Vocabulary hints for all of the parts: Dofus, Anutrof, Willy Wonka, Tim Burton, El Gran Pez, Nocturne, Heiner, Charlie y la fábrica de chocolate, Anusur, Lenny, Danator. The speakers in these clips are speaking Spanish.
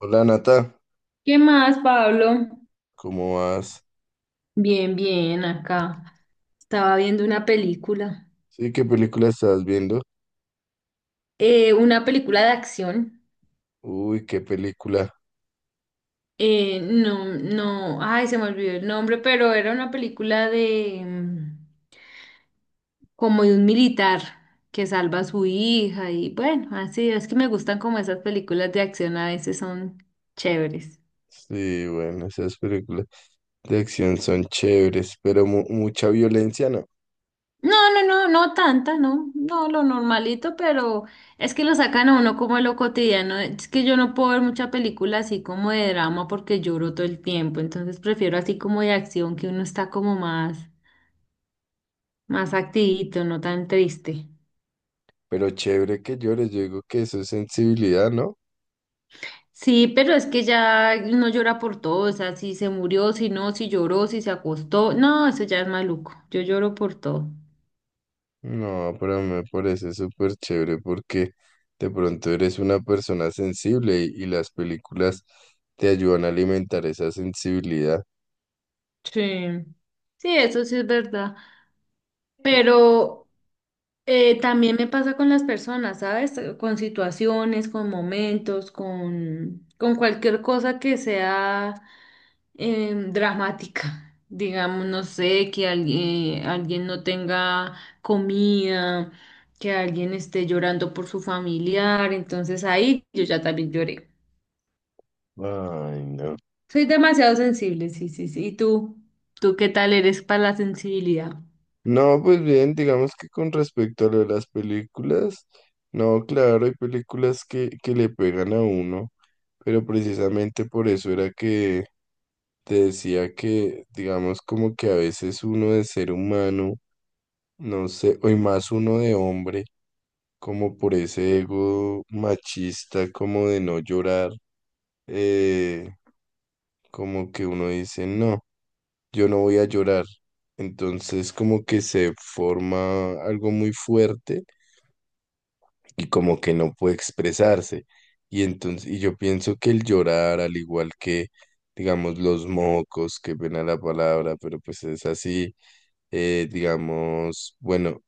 Hola Nata, ¿Qué más, Pablo? ¿cómo vas? Bien, bien, acá. Estaba viendo Sí, ¿qué película estás viendo? Una película de acción. Uy, qué película. No, no, ay, se me olvidó el nombre, pero era una película de como de un militar que salva a su hija y bueno, así es que me gustan como esas películas de acción, a veces son chéveres. Sí, bueno, esas películas de acción son chéveres, pero mucha violencia no. No, no, no, no tanta, no, no, lo normalito, pero es que lo sacan a uno como de lo cotidiano. Es que yo no puedo ver mucha película así como de drama porque lloro todo el tiempo, entonces prefiero así como de acción que uno está como más, más activito, no tan triste. Pero chévere que llores, yo digo que eso es sensibilidad, ¿no? Sí, pero es que ya uno llora por todo, o sea, si se murió, si no, si lloró, si se acostó, no, eso ya es maluco, yo lloro por todo. No, pero me parece súper chévere porque de pronto eres una persona sensible y las películas te ayudan a alimentar esa sensibilidad. Sí, sí, eso sí es verdad. Pero también me pasa con las personas, ¿sabes? Con situaciones, con momentos, con cualquier cosa que sea dramática. Digamos, no sé, que alguien, alguien no tenga comida, que alguien esté llorando por su familiar. Entonces ahí yo ya también lloré. Ay, no. Soy demasiado sensible, sí, sí, sí. ¿Y tú? ¿Tú qué tal eres para la sensibilidad? No, pues bien, digamos que con respecto a lo de las películas, no, claro, hay películas que le pegan a uno, pero precisamente por eso era que te decía que, digamos, como que a veces uno de ser humano, no sé, o y más uno de hombre, como por ese ego machista, como de no llorar, eh, como que uno dice, no, yo no voy a llorar. Entonces como que se forma algo muy fuerte y como que no puede expresarse. Y entonces, yo pienso que el llorar, al igual que, digamos, los mocos, que pena la palabra, pero pues es así, digamos, bueno,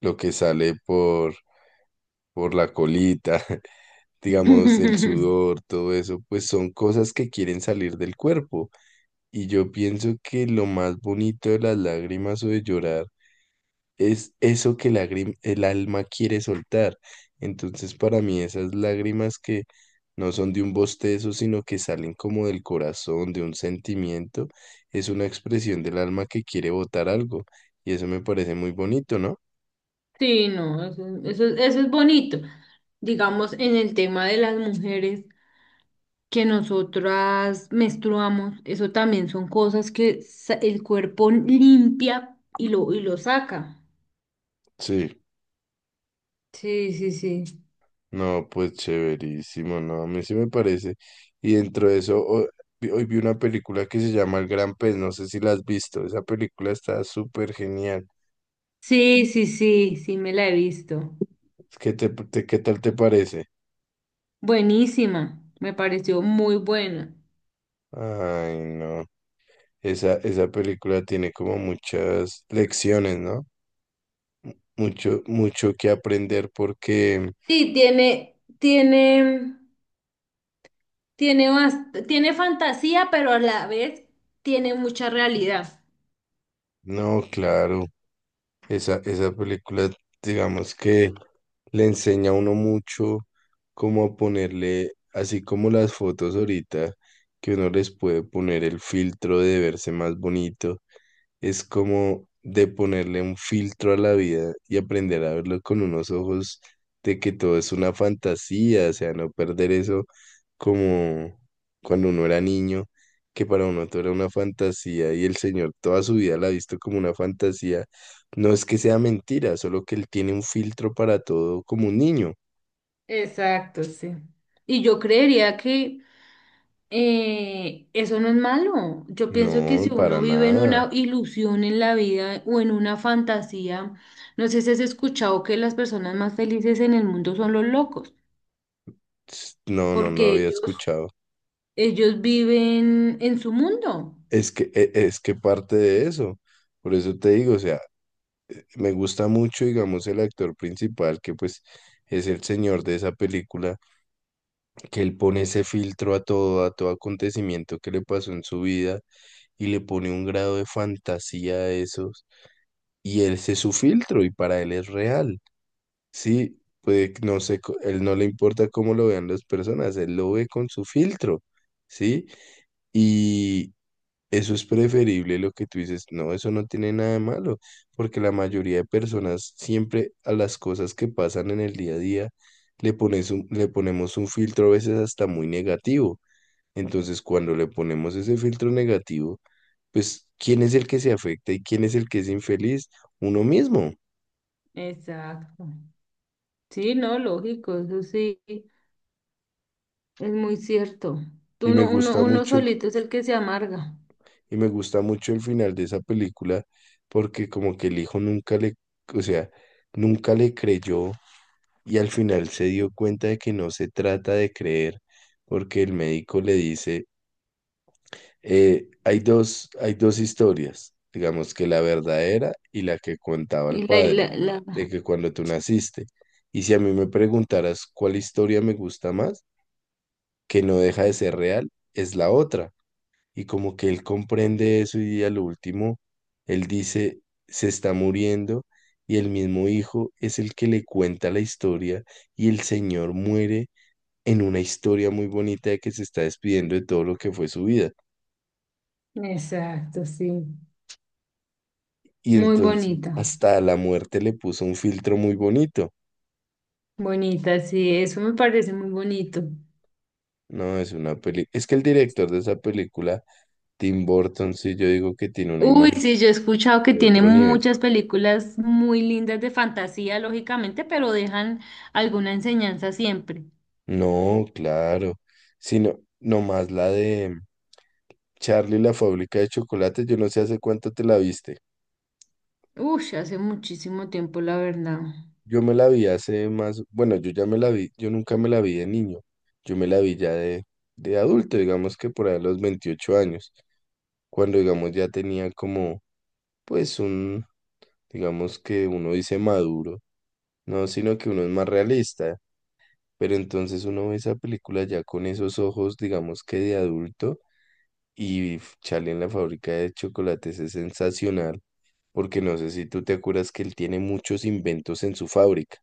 lo que sale por la colita, digamos, el sudor, todo eso, pues son cosas que quieren salir del cuerpo. Y yo pienso que lo más bonito de las lágrimas o de llorar es eso que el alma quiere soltar. Entonces, para mí, esas lágrimas que no son de un bostezo, sino que salen como del corazón, de un sentimiento, es una expresión del alma que quiere botar algo. Y eso me parece muy bonito, ¿no? Sí, no, eso es bonito. Digamos, en el tema de las mujeres que nosotras menstruamos, eso también son cosas que sa- el cuerpo limpia y lo saca. Sí, Sí, sí, sí. no, pues chéverísimo, no, a mí sí me parece. Y dentro de eso, hoy, vi una película que se llama El Gran Pez, no sé si la has visto, esa película está súper genial. Sí, sí, sí, sí, me la he visto. ¿Qué qué tal te parece? Buenísima, me pareció muy buena. Ay, no. Esa película tiene como muchas lecciones, ¿no? Mucho, mucho que aprender porque, Sí, tiene, tiene, tiene, bast- tiene fantasía, pero a la vez tiene mucha realidad. no, claro, esa película, digamos que le enseña a uno mucho cómo a ponerle, así como las fotos ahorita, que uno les puede poner el filtro de verse más bonito es como de ponerle un filtro a la vida y aprender a verlo con unos ojos de que todo es una fantasía, o sea, no perder eso como cuando uno era niño, que para uno todo era una fantasía y el Señor toda su vida la ha visto como una fantasía. No es que sea mentira, solo que Él tiene un filtro para todo como un niño. Exacto, sí. Y yo creería que eso no es malo. Yo pienso que si No, para uno vive en nada. una ilusión en la vida o en una fantasía, no sé si has escuchado que las personas más felices en el mundo son los locos, No, no lo porque había ellos, escuchado. ellos viven en su mundo. Es que, es que parte de eso. Por eso te digo, o sea, me gusta mucho, digamos, el actor principal, que pues es el señor de esa película, que él pone ese filtro a todo acontecimiento que le pasó en su vida y le pone un grado de fantasía a esos. Y ese es su filtro y para él es real. Sí, pues no sé, él no le importa cómo lo vean las personas, él lo ve con su filtro, ¿sí? Eso es preferible lo que tú dices. No, eso no tiene nada de malo, porque la mayoría de personas siempre a las cosas que pasan en el día a día le ponemos un filtro a veces hasta muy negativo. Entonces, cuando le ponemos ese filtro negativo, pues, ¿quién es el que se afecta y quién es el que es infeliz? Uno mismo. Exacto. Sí, no, lógico, eso sí, es muy cierto. Y Tú me no- uno, gusta uno mucho, solito es el que se amarga. y me gusta mucho el final de esa película, porque como que el hijo nunca le, o sea, nunca le creyó y al final se dio cuenta de que no se trata de creer, porque el médico le dice, hay hay dos historias, digamos que la verdadera y la que contaba el Y padre, la, la... de que cuando tú naciste. Y si a mí me preguntaras cuál historia me gusta más, que no deja de ser real, es la otra. Y como que él comprende eso y a lo último, él dice, se está muriendo y el mismo hijo es el que le cuenta la historia y el señor muere en una historia muy bonita de que se está despidiendo de todo lo que fue su vida. Exacto, sí. Y Muy entonces bonita, hasta la muerte le puso un filtro muy bonito. bonita, sí, eso me parece muy bonito. No, es una peli. Es que el director de esa película, Tim Burton, sí, yo digo que tiene una Uy, sí, imaginación yo he escuchado que de tiene otro nivel. muchas películas muy lindas de fantasía, lógicamente, pero dejan alguna enseñanza siempre. No, claro. Sino, nomás la de Charlie y la fábrica de chocolate, yo no sé hace cuánto te la viste. Uy, hace muchísimo tiempo, la verdad. Yo me la vi hace más, bueno, yo ya me la vi, yo nunca me la vi de niño. Yo me la vi ya de adulto, digamos que por ahí a los 28 años, cuando digamos ya tenía como, pues un, digamos que uno dice maduro, no, sino que uno es más realista, pero entonces uno ve esa película ya con esos ojos, digamos que de adulto, y Charlie en la fábrica de chocolates es sensacional, porque no sé si tú te acuerdas que él tiene muchos inventos en su fábrica,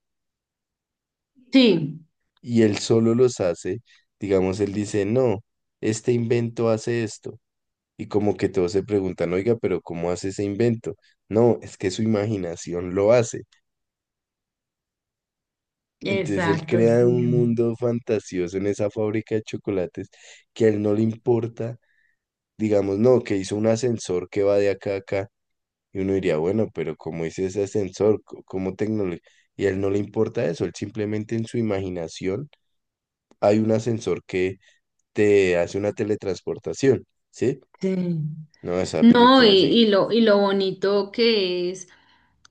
Sí, y él solo los hace, digamos, él dice, no, este invento hace esto. Y como que todos se preguntan, oiga, pero ¿cómo hace ese invento? No, es que su imaginación lo hace. Entonces él exacto, crea un sí. mundo fantasioso en esa fábrica de chocolates que a él no le importa, digamos, no, que hizo un ascensor que va de acá a acá. Y uno diría, bueno, pero ¿cómo hizo ese ascensor? ¿Cómo tecnología? Y a él no le importa eso, él simplemente en su imaginación hay un ascensor que te hace una teletransportación, ¿sí? Sí. No, esa No, y, película es... y lo, y lo bonito que es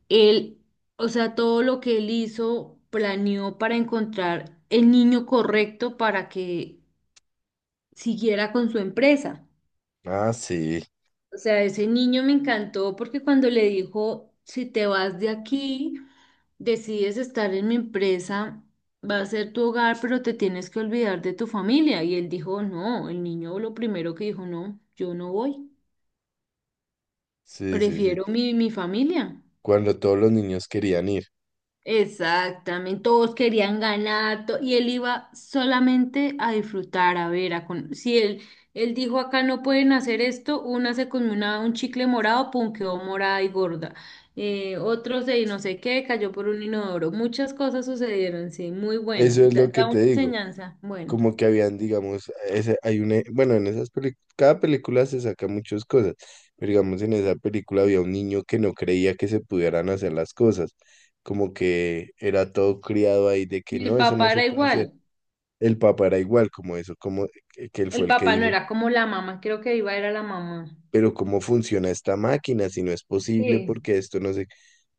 él, o sea, todo lo que él hizo, planeó para encontrar el niño correcto para que siguiera con su empresa. Ah, sí, O sea, ese niño me encantó porque cuando le dijo, si te vas de aquí, decides estar en mi empresa, va a ser tu hogar, pero te tienes que olvidar de tu familia. Y él dijo, no, el niño lo primero que dijo, no, yo no voy, sí, sí, sí, prefiero mi, mi familia. cuando todos los niños querían ir. Exactamente, todos querían ganar to- y él iba solamente a disfrutar, a ver, a con- si él, él dijo acá no pueden hacer esto, una se comió una- un chicle morado, pum, quedó morada y gorda, otro se no sé qué, cayó por un inodoro, muchas cosas sucedieron, sí, muy buena, Eso es lo da, que da te una digo. enseñanza, buena. Como que habían, digamos, ese, hay una, bueno, en esas películas, cada película se saca muchas cosas, pero digamos, en esa película había un niño que no creía que se pudieran hacer las cosas, como que era todo criado ahí de que Y el no, eso no papá se era puede hacer. igual, El papá era igual, como eso, como que él fue el el que papá no dijo, era como la mamá, creo que iba era la mamá. pero ¿cómo funciona esta máquina? Si no es posible, Sí, porque esto no se...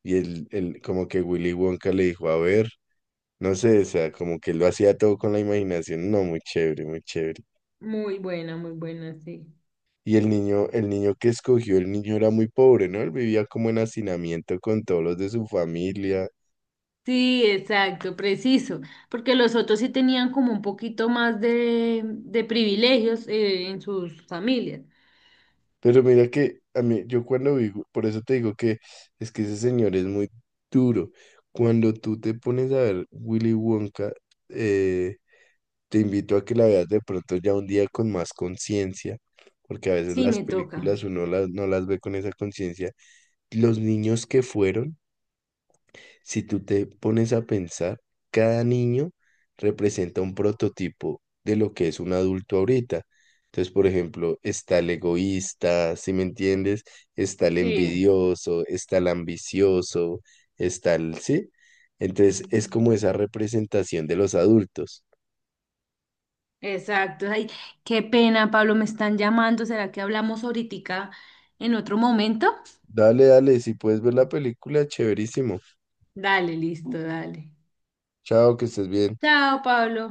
Como que Willy Wonka le dijo, a ver. No sé, o sea, como que lo hacía todo con la imaginación. No, muy chévere, muy chévere. Muy buena, sí. Y el niño, que escogió, el niño era muy pobre, ¿no? Él vivía como en hacinamiento con todos los de su familia. Sí, exacto, preciso, porque los otros sí tenían como un poquito más de privilegios en sus familias. Pero mira que a mí, yo cuando vivo, por eso te digo que es que ese señor es muy duro. Cuando tú te pones a ver Willy Wonka, eh, te invito a que la veas de pronto ya un día con más conciencia, porque a veces Sí, las me toca. películas uno no las ve con esa conciencia. Los niños que fueron. Si tú te pones a pensar, cada niño representa un prototipo de lo que es un adulto ahorita. Entonces, por ejemplo, está el egoísta, ¿si me entiendes? Está el Sí, envidioso, está el ambicioso, está el, ¿sí? Entonces, es como esa representación de los adultos. exacto. Ay, qué pena, Pablo, me están llamando. ¿Será que hablamos ahorita en otro momento? Dale, dale, si puedes ver la película, chéverísimo. Dale, listo, dale. Chao, que estés bien. Chao, Pablo.